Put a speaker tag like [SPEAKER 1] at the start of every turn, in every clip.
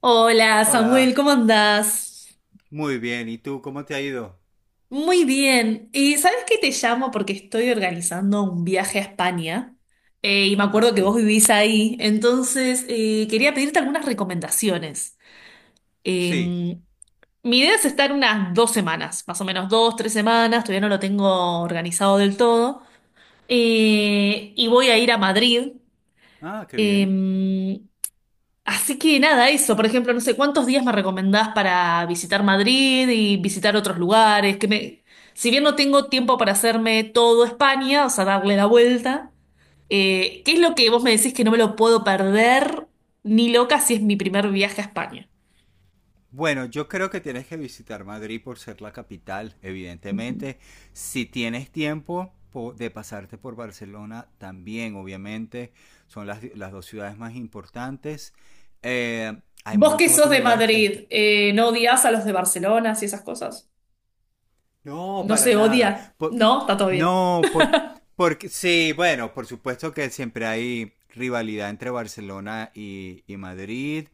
[SPEAKER 1] Hola Samuel,
[SPEAKER 2] Hola.
[SPEAKER 1] ¿cómo andás?
[SPEAKER 2] Muy bien. ¿Y tú cómo te ha ido?
[SPEAKER 1] Muy bien. ¿Y sabes qué te llamo? Porque estoy organizando un viaje a España y me
[SPEAKER 2] Ah,
[SPEAKER 1] acuerdo que
[SPEAKER 2] sí.
[SPEAKER 1] vos vivís ahí, entonces quería pedirte algunas recomendaciones. Eh,
[SPEAKER 2] Sí.
[SPEAKER 1] mi idea es estar unas 2 semanas, más o menos 2, 3 semanas, todavía no lo tengo organizado del todo, y voy a ir a Madrid.
[SPEAKER 2] Ah, qué bien.
[SPEAKER 1] Eh, Así que nada, eso, por ejemplo, no sé, ¿cuántos días me recomendás para visitar Madrid y visitar otros lugares? Si bien no tengo tiempo para hacerme todo España, o sea, darle la vuelta, ¿qué es lo que vos me decís que no me lo puedo perder ni loca si es mi primer viaje a España?
[SPEAKER 2] Bueno, yo creo que tienes que visitar Madrid por ser la capital, evidentemente. Si tienes tiempo de pasarte por Barcelona, también, obviamente. Son las dos ciudades más importantes. Eh, Hay
[SPEAKER 1] Vos que
[SPEAKER 2] muchos
[SPEAKER 1] sos
[SPEAKER 2] otros
[SPEAKER 1] de
[SPEAKER 2] lugares que...
[SPEAKER 1] Madrid, ¿no odias a los de Barcelona y esas cosas?
[SPEAKER 2] No,
[SPEAKER 1] ¿No
[SPEAKER 2] para
[SPEAKER 1] se
[SPEAKER 2] nada.
[SPEAKER 1] odia?
[SPEAKER 2] Por-
[SPEAKER 1] No, está todo bien.
[SPEAKER 2] no, por, Porque sí, bueno, por supuesto que siempre hay rivalidad entre Barcelona y Madrid.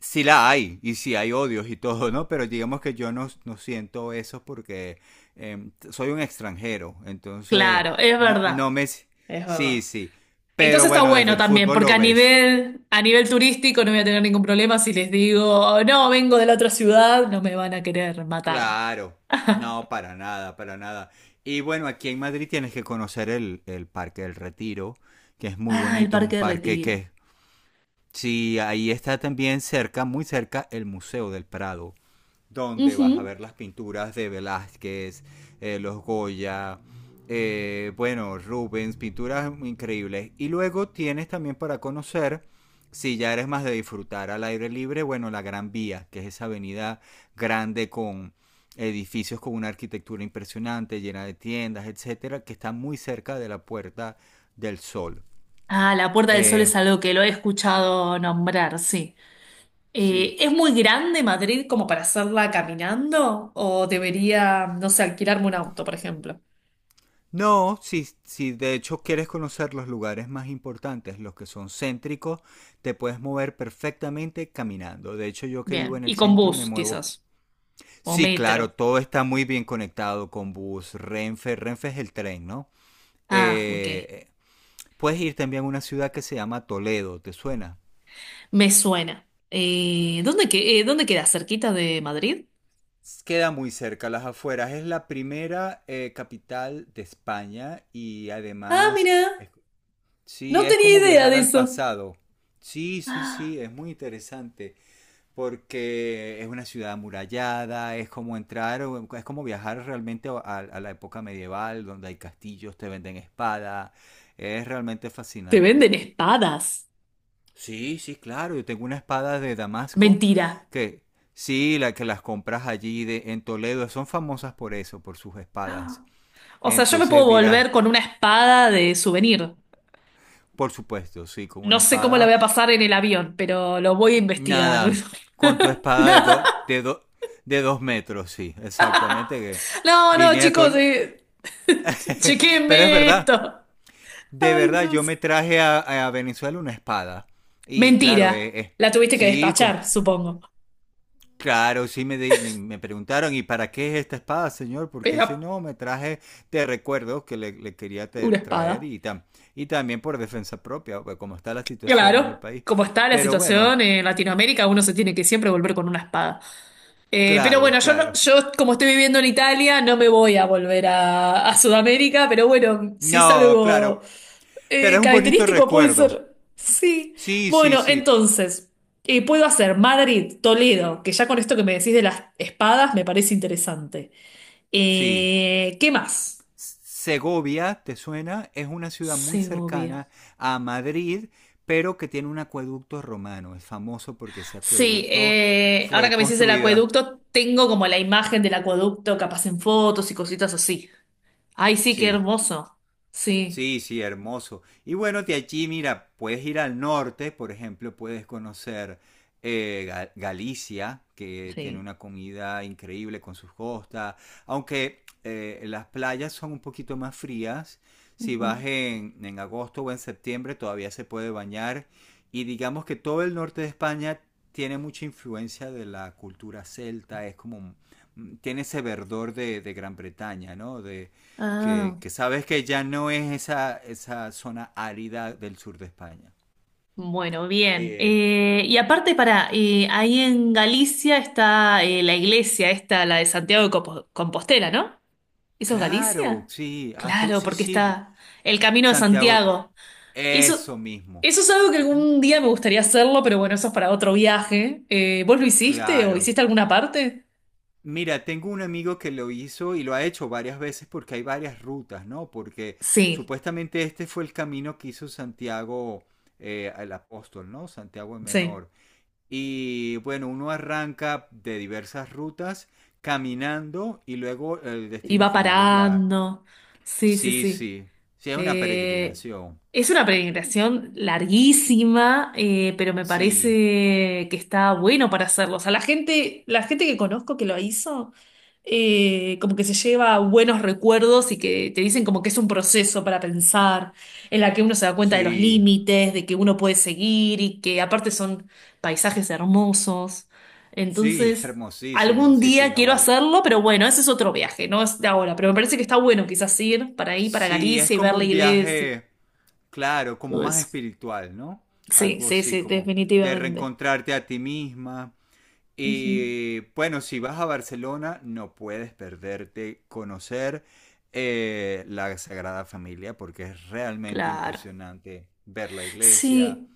[SPEAKER 2] Sí la hay, y sí hay odios y todo, ¿no? Pero digamos que yo no siento eso porque soy un extranjero, entonces
[SPEAKER 1] Claro, es
[SPEAKER 2] no
[SPEAKER 1] verdad,
[SPEAKER 2] me...
[SPEAKER 1] es
[SPEAKER 2] Sí,
[SPEAKER 1] verdad.
[SPEAKER 2] sí, pero
[SPEAKER 1] Entonces está
[SPEAKER 2] bueno, desde
[SPEAKER 1] bueno
[SPEAKER 2] el
[SPEAKER 1] también,
[SPEAKER 2] fútbol
[SPEAKER 1] porque
[SPEAKER 2] lo
[SPEAKER 1] a
[SPEAKER 2] ves.
[SPEAKER 1] nivel, a nivel turístico no voy a tener ningún problema si les digo, no, vengo de la otra ciudad, no me van a querer matar.
[SPEAKER 2] Claro, no, para nada, para nada. Y bueno, aquí en Madrid tienes que conocer el Parque del Retiro, que es muy
[SPEAKER 1] Ah, el
[SPEAKER 2] bonito, es un
[SPEAKER 1] Parque de
[SPEAKER 2] parque que
[SPEAKER 1] Retiro.
[SPEAKER 2] es. Sí, ahí está también cerca, muy cerca, el Museo del Prado, donde vas a
[SPEAKER 1] Ujú.
[SPEAKER 2] ver las pinturas de Velázquez, los Goya, bueno, Rubens, pinturas increíbles. Y luego tienes también para conocer, si ya eres más de disfrutar al aire libre, bueno, la Gran Vía, que es esa avenida grande con edificios con una arquitectura impresionante, llena de tiendas, etcétera, que está muy cerca de la Puerta del Sol.
[SPEAKER 1] Ah, la Puerta del Sol
[SPEAKER 2] Eh,
[SPEAKER 1] es algo que lo he escuchado nombrar, sí.
[SPEAKER 2] sí,
[SPEAKER 1] ¿Es muy grande Madrid como para hacerla caminando? ¿O debería, no sé, alquilarme un auto, por ejemplo?
[SPEAKER 2] no, si de hecho quieres conocer los lugares más importantes, los que son céntricos, te puedes mover perfectamente caminando. De hecho, yo que vivo
[SPEAKER 1] Bien,
[SPEAKER 2] en el
[SPEAKER 1] y con
[SPEAKER 2] centro me
[SPEAKER 1] bus
[SPEAKER 2] muevo.
[SPEAKER 1] quizás, o
[SPEAKER 2] Sí, claro,
[SPEAKER 1] metro.
[SPEAKER 2] todo está muy bien conectado con bus, Renfe, Renfe es el tren, ¿no?
[SPEAKER 1] Ah, ok.
[SPEAKER 2] Eh, Puedes ir también a una ciudad que se llama Toledo, ¿te suena?
[SPEAKER 1] Me suena. ¿Dónde queda? ¿Cerquita de Madrid?
[SPEAKER 2] Queda muy cerca, las afueras. Es la primera capital de España y
[SPEAKER 1] Ah,
[SPEAKER 2] además
[SPEAKER 1] mira,
[SPEAKER 2] es. Sí,
[SPEAKER 1] no
[SPEAKER 2] es
[SPEAKER 1] tenía
[SPEAKER 2] como
[SPEAKER 1] idea
[SPEAKER 2] viajar
[SPEAKER 1] de
[SPEAKER 2] al
[SPEAKER 1] eso.
[SPEAKER 2] pasado. Sí, sí, sí, es muy interesante porque es una ciudad amurallada, es como entrar, es como viajar realmente a, a la época medieval, donde hay castillos, te venden espada, es realmente
[SPEAKER 1] Te
[SPEAKER 2] fascinante.
[SPEAKER 1] venden espadas.
[SPEAKER 2] Sí, sí, claro, yo tengo una espada de Damasco
[SPEAKER 1] Mentira.
[SPEAKER 2] que sí, la que las compras allí de, en Toledo, son famosas por eso, por sus espadas.
[SPEAKER 1] O sea, yo me puedo
[SPEAKER 2] Entonces dirás,
[SPEAKER 1] volver con una espada de souvenir.
[SPEAKER 2] por supuesto, sí, con una
[SPEAKER 1] No sé cómo la
[SPEAKER 2] espada.
[SPEAKER 1] voy a pasar en el avión, pero lo voy a investigar.
[SPEAKER 2] Nada, con tu espada
[SPEAKER 1] Nada.
[SPEAKER 2] de 2 metros, sí, exactamente. Que
[SPEAKER 1] No, no,
[SPEAKER 2] vine a todo.
[SPEAKER 1] chicos,
[SPEAKER 2] Pero es
[SPEAKER 1] chequenme esto.
[SPEAKER 2] verdad, de
[SPEAKER 1] Ay,
[SPEAKER 2] verdad, yo
[SPEAKER 1] Dios.
[SPEAKER 2] me traje a Venezuela una espada. Y claro,
[SPEAKER 1] Mentira. La tuviste que
[SPEAKER 2] sí,
[SPEAKER 1] despachar, supongo.
[SPEAKER 2] claro, sí me, me preguntaron, ¿y para qué es esta espada, señor? Porque
[SPEAKER 1] Pero
[SPEAKER 2] ese no, me traje te recuerdo que le quería
[SPEAKER 1] una
[SPEAKER 2] traer
[SPEAKER 1] espada.
[SPEAKER 2] y, y también por defensa propia, pues, como está la situación en el
[SPEAKER 1] Claro.
[SPEAKER 2] país.
[SPEAKER 1] Como está la
[SPEAKER 2] Pero bueno,
[SPEAKER 1] situación en Latinoamérica, uno se tiene que siempre volver con una espada. Pero
[SPEAKER 2] claro,
[SPEAKER 1] bueno, yo, no-
[SPEAKER 2] claro.
[SPEAKER 1] yo como estoy viviendo en Italia, no me voy a volver a Sudamérica, pero bueno, si es
[SPEAKER 2] No,
[SPEAKER 1] algo
[SPEAKER 2] claro. Pero es un bonito
[SPEAKER 1] característico puede
[SPEAKER 2] recuerdo.
[SPEAKER 1] ser. Sí.
[SPEAKER 2] Sí, sí,
[SPEAKER 1] Bueno,
[SPEAKER 2] sí.
[SPEAKER 1] entonces, puedo hacer Madrid, Toledo, que ya con esto que me decís de las espadas me parece interesante.
[SPEAKER 2] Sí.
[SPEAKER 1] ¿Qué más?
[SPEAKER 2] Segovia, ¿te suena? Es una ciudad muy
[SPEAKER 1] Segovia.
[SPEAKER 2] cercana a Madrid, pero que tiene un acueducto romano. Es famoso porque ese
[SPEAKER 1] Sí,
[SPEAKER 2] acueducto
[SPEAKER 1] ahora
[SPEAKER 2] fue
[SPEAKER 1] que me decís el
[SPEAKER 2] construida.
[SPEAKER 1] acueducto, tengo como la imagen del acueducto, capaz en fotos y cositas así. Ay, sí, qué
[SPEAKER 2] Sí.
[SPEAKER 1] hermoso. Sí.
[SPEAKER 2] Sí, sí, hermoso. Y bueno, de allí, mira, puedes ir al norte, por ejemplo, puedes conocer Galicia, que tiene
[SPEAKER 1] Sí.
[SPEAKER 2] una comida increíble con sus costas, aunque las playas son un poquito más frías. Si vas en agosto o en septiembre, todavía se puede bañar. Y digamos que todo el norte de España tiene mucha influencia de la cultura celta, es como, tiene ese verdor de Gran Bretaña, ¿no? De, que,
[SPEAKER 1] Ah,
[SPEAKER 2] que sabes que ya no es esa zona árida del sur de España.
[SPEAKER 1] bueno, bien.
[SPEAKER 2] Eh,
[SPEAKER 1] Y aparte, ahí en Galicia está la iglesia, esta, la de Santiago de Compostela, ¿no? ¿Eso es
[SPEAKER 2] claro,
[SPEAKER 1] Galicia?
[SPEAKER 2] sí,
[SPEAKER 1] Claro,
[SPEAKER 2] sí,
[SPEAKER 1] porque
[SPEAKER 2] sí,
[SPEAKER 1] está el Camino de
[SPEAKER 2] Santiago,
[SPEAKER 1] Santiago. Eso,
[SPEAKER 2] eso mismo.
[SPEAKER 1] eso es algo que
[SPEAKER 2] Ujú.
[SPEAKER 1] algún día me gustaría hacerlo, pero bueno, eso es para otro viaje. ¿Vos lo hiciste o
[SPEAKER 2] Claro.
[SPEAKER 1] hiciste alguna parte?
[SPEAKER 2] Mira, tengo un amigo que lo hizo y lo ha hecho varias veces porque hay varias rutas, ¿no? Porque
[SPEAKER 1] Sí,
[SPEAKER 2] supuestamente este fue el camino que hizo Santiago el apóstol, ¿no? Santiago el
[SPEAKER 1] sí.
[SPEAKER 2] Menor. Y bueno, uno arranca de diversas rutas caminando y luego el
[SPEAKER 1] Y
[SPEAKER 2] destino
[SPEAKER 1] va
[SPEAKER 2] final es la...
[SPEAKER 1] parando. Sí, sí,
[SPEAKER 2] Sí,
[SPEAKER 1] sí.
[SPEAKER 2] sí, sí, es una
[SPEAKER 1] Eh,
[SPEAKER 2] peregrinación.
[SPEAKER 1] es una peregrinación larguísima, pero me
[SPEAKER 2] Sí,
[SPEAKER 1] parece que está bueno para hacerlo. O sea, la gente que conozco que lo hizo, como que se lleva buenos recuerdos y que te dicen como que es un proceso para pensar, en la que uno se da cuenta de los
[SPEAKER 2] sí,
[SPEAKER 1] límites, de que uno puede seguir y que aparte son paisajes hermosos.
[SPEAKER 2] sí,
[SPEAKER 1] Entonces...
[SPEAKER 2] hermosísimo,
[SPEAKER 1] Algún
[SPEAKER 2] sí, sí,
[SPEAKER 1] día
[SPEAKER 2] no
[SPEAKER 1] quiero
[SPEAKER 2] vale.
[SPEAKER 1] hacerlo, pero bueno, ese es otro viaje, no es de ahora. Pero me parece que está bueno quizás ir para ahí, para
[SPEAKER 2] Sí, es
[SPEAKER 1] Galicia y ver
[SPEAKER 2] como
[SPEAKER 1] la
[SPEAKER 2] un
[SPEAKER 1] iglesia,
[SPEAKER 2] viaje, claro, como
[SPEAKER 1] todo
[SPEAKER 2] más
[SPEAKER 1] eso.
[SPEAKER 2] espiritual, ¿no?
[SPEAKER 1] Sí,
[SPEAKER 2] Algo
[SPEAKER 1] sí,
[SPEAKER 2] así,
[SPEAKER 1] sí,
[SPEAKER 2] como de
[SPEAKER 1] definitivamente.
[SPEAKER 2] reencontrarte a ti misma.
[SPEAKER 1] Ujú,
[SPEAKER 2] Y bueno, si vas a Barcelona, no puedes perderte conocer la Sagrada Familia porque es realmente
[SPEAKER 1] claro.
[SPEAKER 2] impresionante ver la iglesia.
[SPEAKER 1] Sí,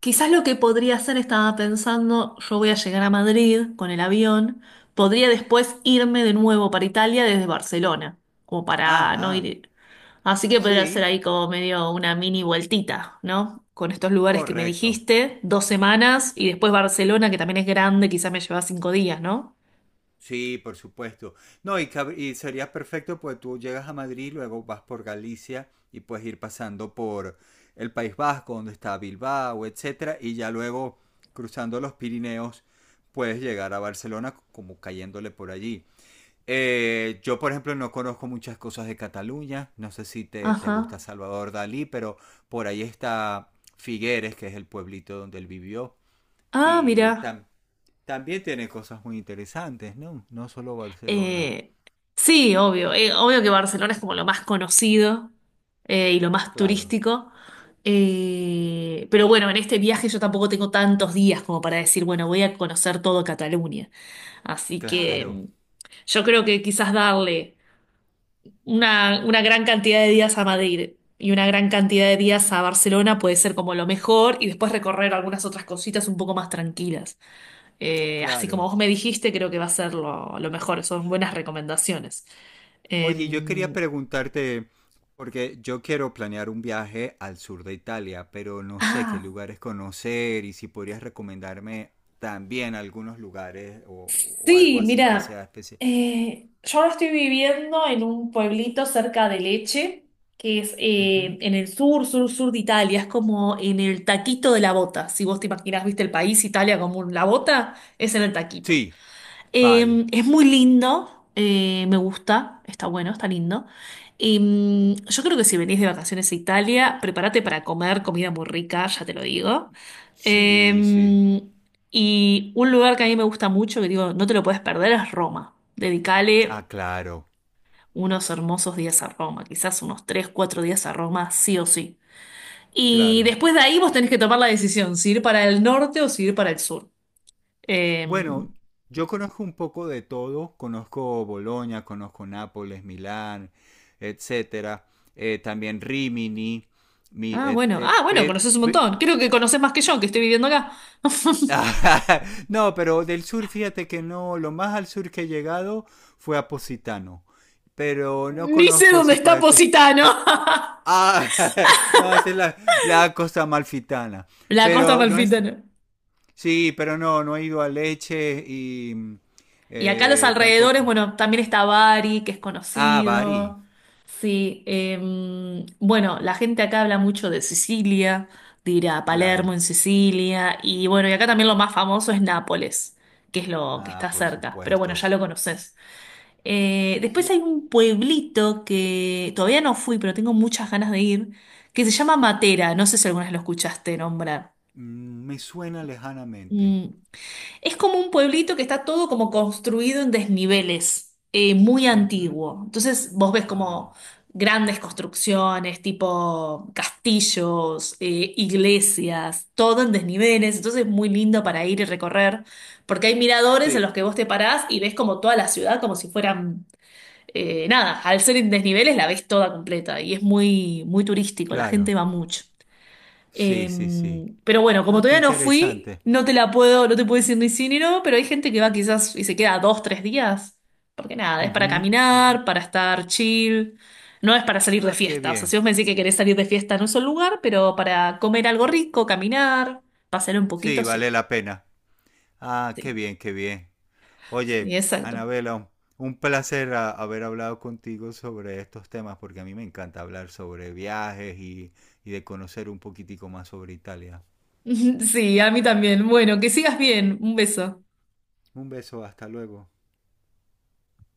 [SPEAKER 1] quizás lo que podría hacer, estaba pensando, yo voy a llegar a Madrid con el avión, podría después irme de nuevo para Italia desde Barcelona, como para no
[SPEAKER 2] Ajá,
[SPEAKER 1] ir. Así que podría hacer
[SPEAKER 2] sí,
[SPEAKER 1] ahí como medio una mini vueltita, ¿no? Con estos lugares que me
[SPEAKER 2] correcto.
[SPEAKER 1] dijiste, dos semanas y después Barcelona, que también es grande, quizás me lleva 5 días, ¿no?
[SPEAKER 2] Sí, por supuesto. No, y sería perfecto pues tú llegas a Madrid, luego vas por Galicia y puedes ir pasando por el País Vasco, donde está Bilbao, etcétera, y ya luego cruzando los Pirineos puedes llegar a Barcelona como cayéndole por allí. Yo, por ejemplo, no conozco muchas cosas de Cataluña. No sé si te gusta
[SPEAKER 1] Ajá.
[SPEAKER 2] Salvador Dalí, pero por ahí está Figueres, que es el pueblito donde él vivió.
[SPEAKER 1] Ah,
[SPEAKER 2] Y
[SPEAKER 1] mira.
[SPEAKER 2] también tiene cosas muy interesantes, ¿no? No solo Barcelona.
[SPEAKER 1] Eh, sí, obvio. Obvio que Barcelona es como lo más conocido y lo más
[SPEAKER 2] Claro,
[SPEAKER 1] turístico. Pero bueno, en este viaje yo tampoco tengo tantos días como para decir, bueno, voy a conocer todo Cataluña. Así que
[SPEAKER 2] claro,
[SPEAKER 1] yo creo que quizás darle una gran cantidad de días a Madrid y una gran cantidad de días a Barcelona puede ser como lo mejor y después recorrer algunas otras cositas un poco más tranquilas. Así como
[SPEAKER 2] claro.
[SPEAKER 1] vos me dijiste, creo que va a ser lo mejor. Son buenas recomendaciones.
[SPEAKER 2] Oye, yo quería
[SPEAKER 1] Eh,
[SPEAKER 2] preguntarte, porque yo quiero planear un viaje al sur de Italia, pero no sé qué
[SPEAKER 1] ah,
[SPEAKER 2] lugares conocer y si podrías recomendarme también algunos lugares o algo
[SPEAKER 1] sí,
[SPEAKER 2] así que
[SPEAKER 1] mira,
[SPEAKER 2] sea especial.
[SPEAKER 1] yo ahora estoy viviendo en un pueblito cerca de Leche, que es
[SPEAKER 2] Ujú.
[SPEAKER 1] en el sur, sur, sur de Italia. Es como en el taquito de la bota. Si vos te imaginás, viste el país Italia como la bota, es en el taquito.
[SPEAKER 2] Sí, vale.
[SPEAKER 1] Es muy lindo, me gusta, está bueno, está lindo. Y, yo creo que si venís de vacaciones a Italia, prepárate para comer comida muy rica, ya te lo digo.
[SPEAKER 2] Sí, sí.
[SPEAKER 1] Eh, y un lugar que a mí me gusta mucho, que digo, no te lo puedes perder, es Roma.
[SPEAKER 2] Ah,
[SPEAKER 1] Dedicale
[SPEAKER 2] claro,
[SPEAKER 1] unos hermosos días a Roma, quizás unos 3, 4 días a Roma, sí o sí. Y
[SPEAKER 2] claro.
[SPEAKER 1] después de ahí vos tenés que tomar la decisión, si ir para el norte o si ir para el sur. Eh,
[SPEAKER 2] Bueno, yo conozco un poco de todo. Conozco Bolonia, conozco Nápoles, Milán, etcétera. También Rimini. Mi,
[SPEAKER 1] Ah,
[SPEAKER 2] et-
[SPEAKER 1] bueno. Ah, bueno,
[SPEAKER 2] pe-
[SPEAKER 1] conoces un
[SPEAKER 2] pe-
[SPEAKER 1] montón. Creo que conoces más que yo, que estoy viviendo acá.
[SPEAKER 2] No, pero del sur, fíjate que no, lo más al sur que he llegado fue a Positano, pero no
[SPEAKER 1] Ni sé
[SPEAKER 2] conozco
[SPEAKER 1] dónde
[SPEAKER 2] esa
[SPEAKER 1] está
[SPEAKER 2] parte.
[SPEAKER 1] Positano.
[SPEAKER 2] Ah, no, esa es la costa amalfitana,
[SPEAKER 1] La costa
[SPEAKER 2] pero no es,
[SPEAKER 1] amalfitana.
[SPEAKER 2] sí, pero no, no he ido a Leche y mm,
[SPEAKER 1] Y acá los
[SPEAKER 2] eh,
[SPEAKER 1] alrededores,
[SPEAKER 2] tampoco.
[SPEAKER 1] bueno, también está Bari, que es
[SPEAKER 2] Ah, Bari,
[SPEAKER 1] conocido. Sí. Bueno, la gente acá habla mucho de Sicilia, de ir a Palermo
[SPEAKER 2] claro.
[SPEAKER 1] en Sicilia. Y bueno, y acá también lo más famoso es Nápoles, que es lo que
[SPEAKER 2] Ah,
[SPEAKER 1] está
[SPEAKER 2] por
[SPEAKER 1] cerca. Pero bueno,
[SPEAKER 2] supuesto.
[SPEAKER 1] ya lo conoces. Después
[SPEAKER 2] Sí,
[SPEAKER 1] hay un pueblito que todavía no fui, pero tengo muchas ganas de ir, que se llama Matera. No sé si alguna vez lo escuchaste nombrar.
[SPEAKER 2] me suena lejanamente.
[SPEAKER 1] Mm, Es como un pueblito que está todo como construido en desniveles, muy
[SPEAKER 2] Ujú.
[SPEAKER 1] antiguo. Entonces vos ves
[SPEAKER 2] Ah,
[SPEAKER 1] como grandes construcciones, tipo castillos, iglesias, todo en desniveles. Entonces es muy lindo para ir y recorrer, porque hay miradores en
[SPEAKER 2] sí,
[SPEAKER 1] los que vos te parás y ves como toda la ciudad como si fueran nada, al ser en desniveles la ves toda completa y es muy, muy turístico, la
[SPEAKER 2] claro.
[SPEAKER 1] gente va mucho.
[SPEAKER 2] Sí,
[SPEAKER 1] Eh,
[SPEAKER 2] sí, sí.
[SPEAKER 1] pero bueno, como
[SPEAKER 2] Ah, qué
[SPEAKER 1] todavía no fui,
[SPEAKER 2] interesante.
[SPEAKER 1] no te puedo decir ni sí ni no, pero hay gente que va quizás y se queda 2, 3 días, porque nada, es para
[SPEAKER 2] Ujú, ujú.
[SPEAKER 1] caminar, para estar chill, no es para salir de
[SPEAKER 2] Ah, qué
[SPEAKER 1] fiesta. O sea,
[SPEAKER 2] bien.
[SPEAKER 1] si vos me decís que querés salir de fiesta, no es un lugar, pero para comer algo rico, caminar, pasear un
[SPEAKER 2] Sí,
[SPEAKER 1] poquito, sí.
[SPEAKER 2] vale la pena. Ah, qué
[SPEAKER 1] Sí,
[SPEAKER 2] bien, qué bien.
[SPEAKER 1] sí,
[SPEAKER 2] Oye,
[SPEAKER 1] exacto.
[SPEAKER 2] Anabela, un placer haber hablado contigo sobre estos temas porque a mí me encanta hablar sobre viajes y de conocer un poquitico más sobre Italia.
[SPEAKER 1] Sí, a mí también. Bueno, que sigas bien. Un beso.
[SPEAKER 2] Un beso, hasta luego.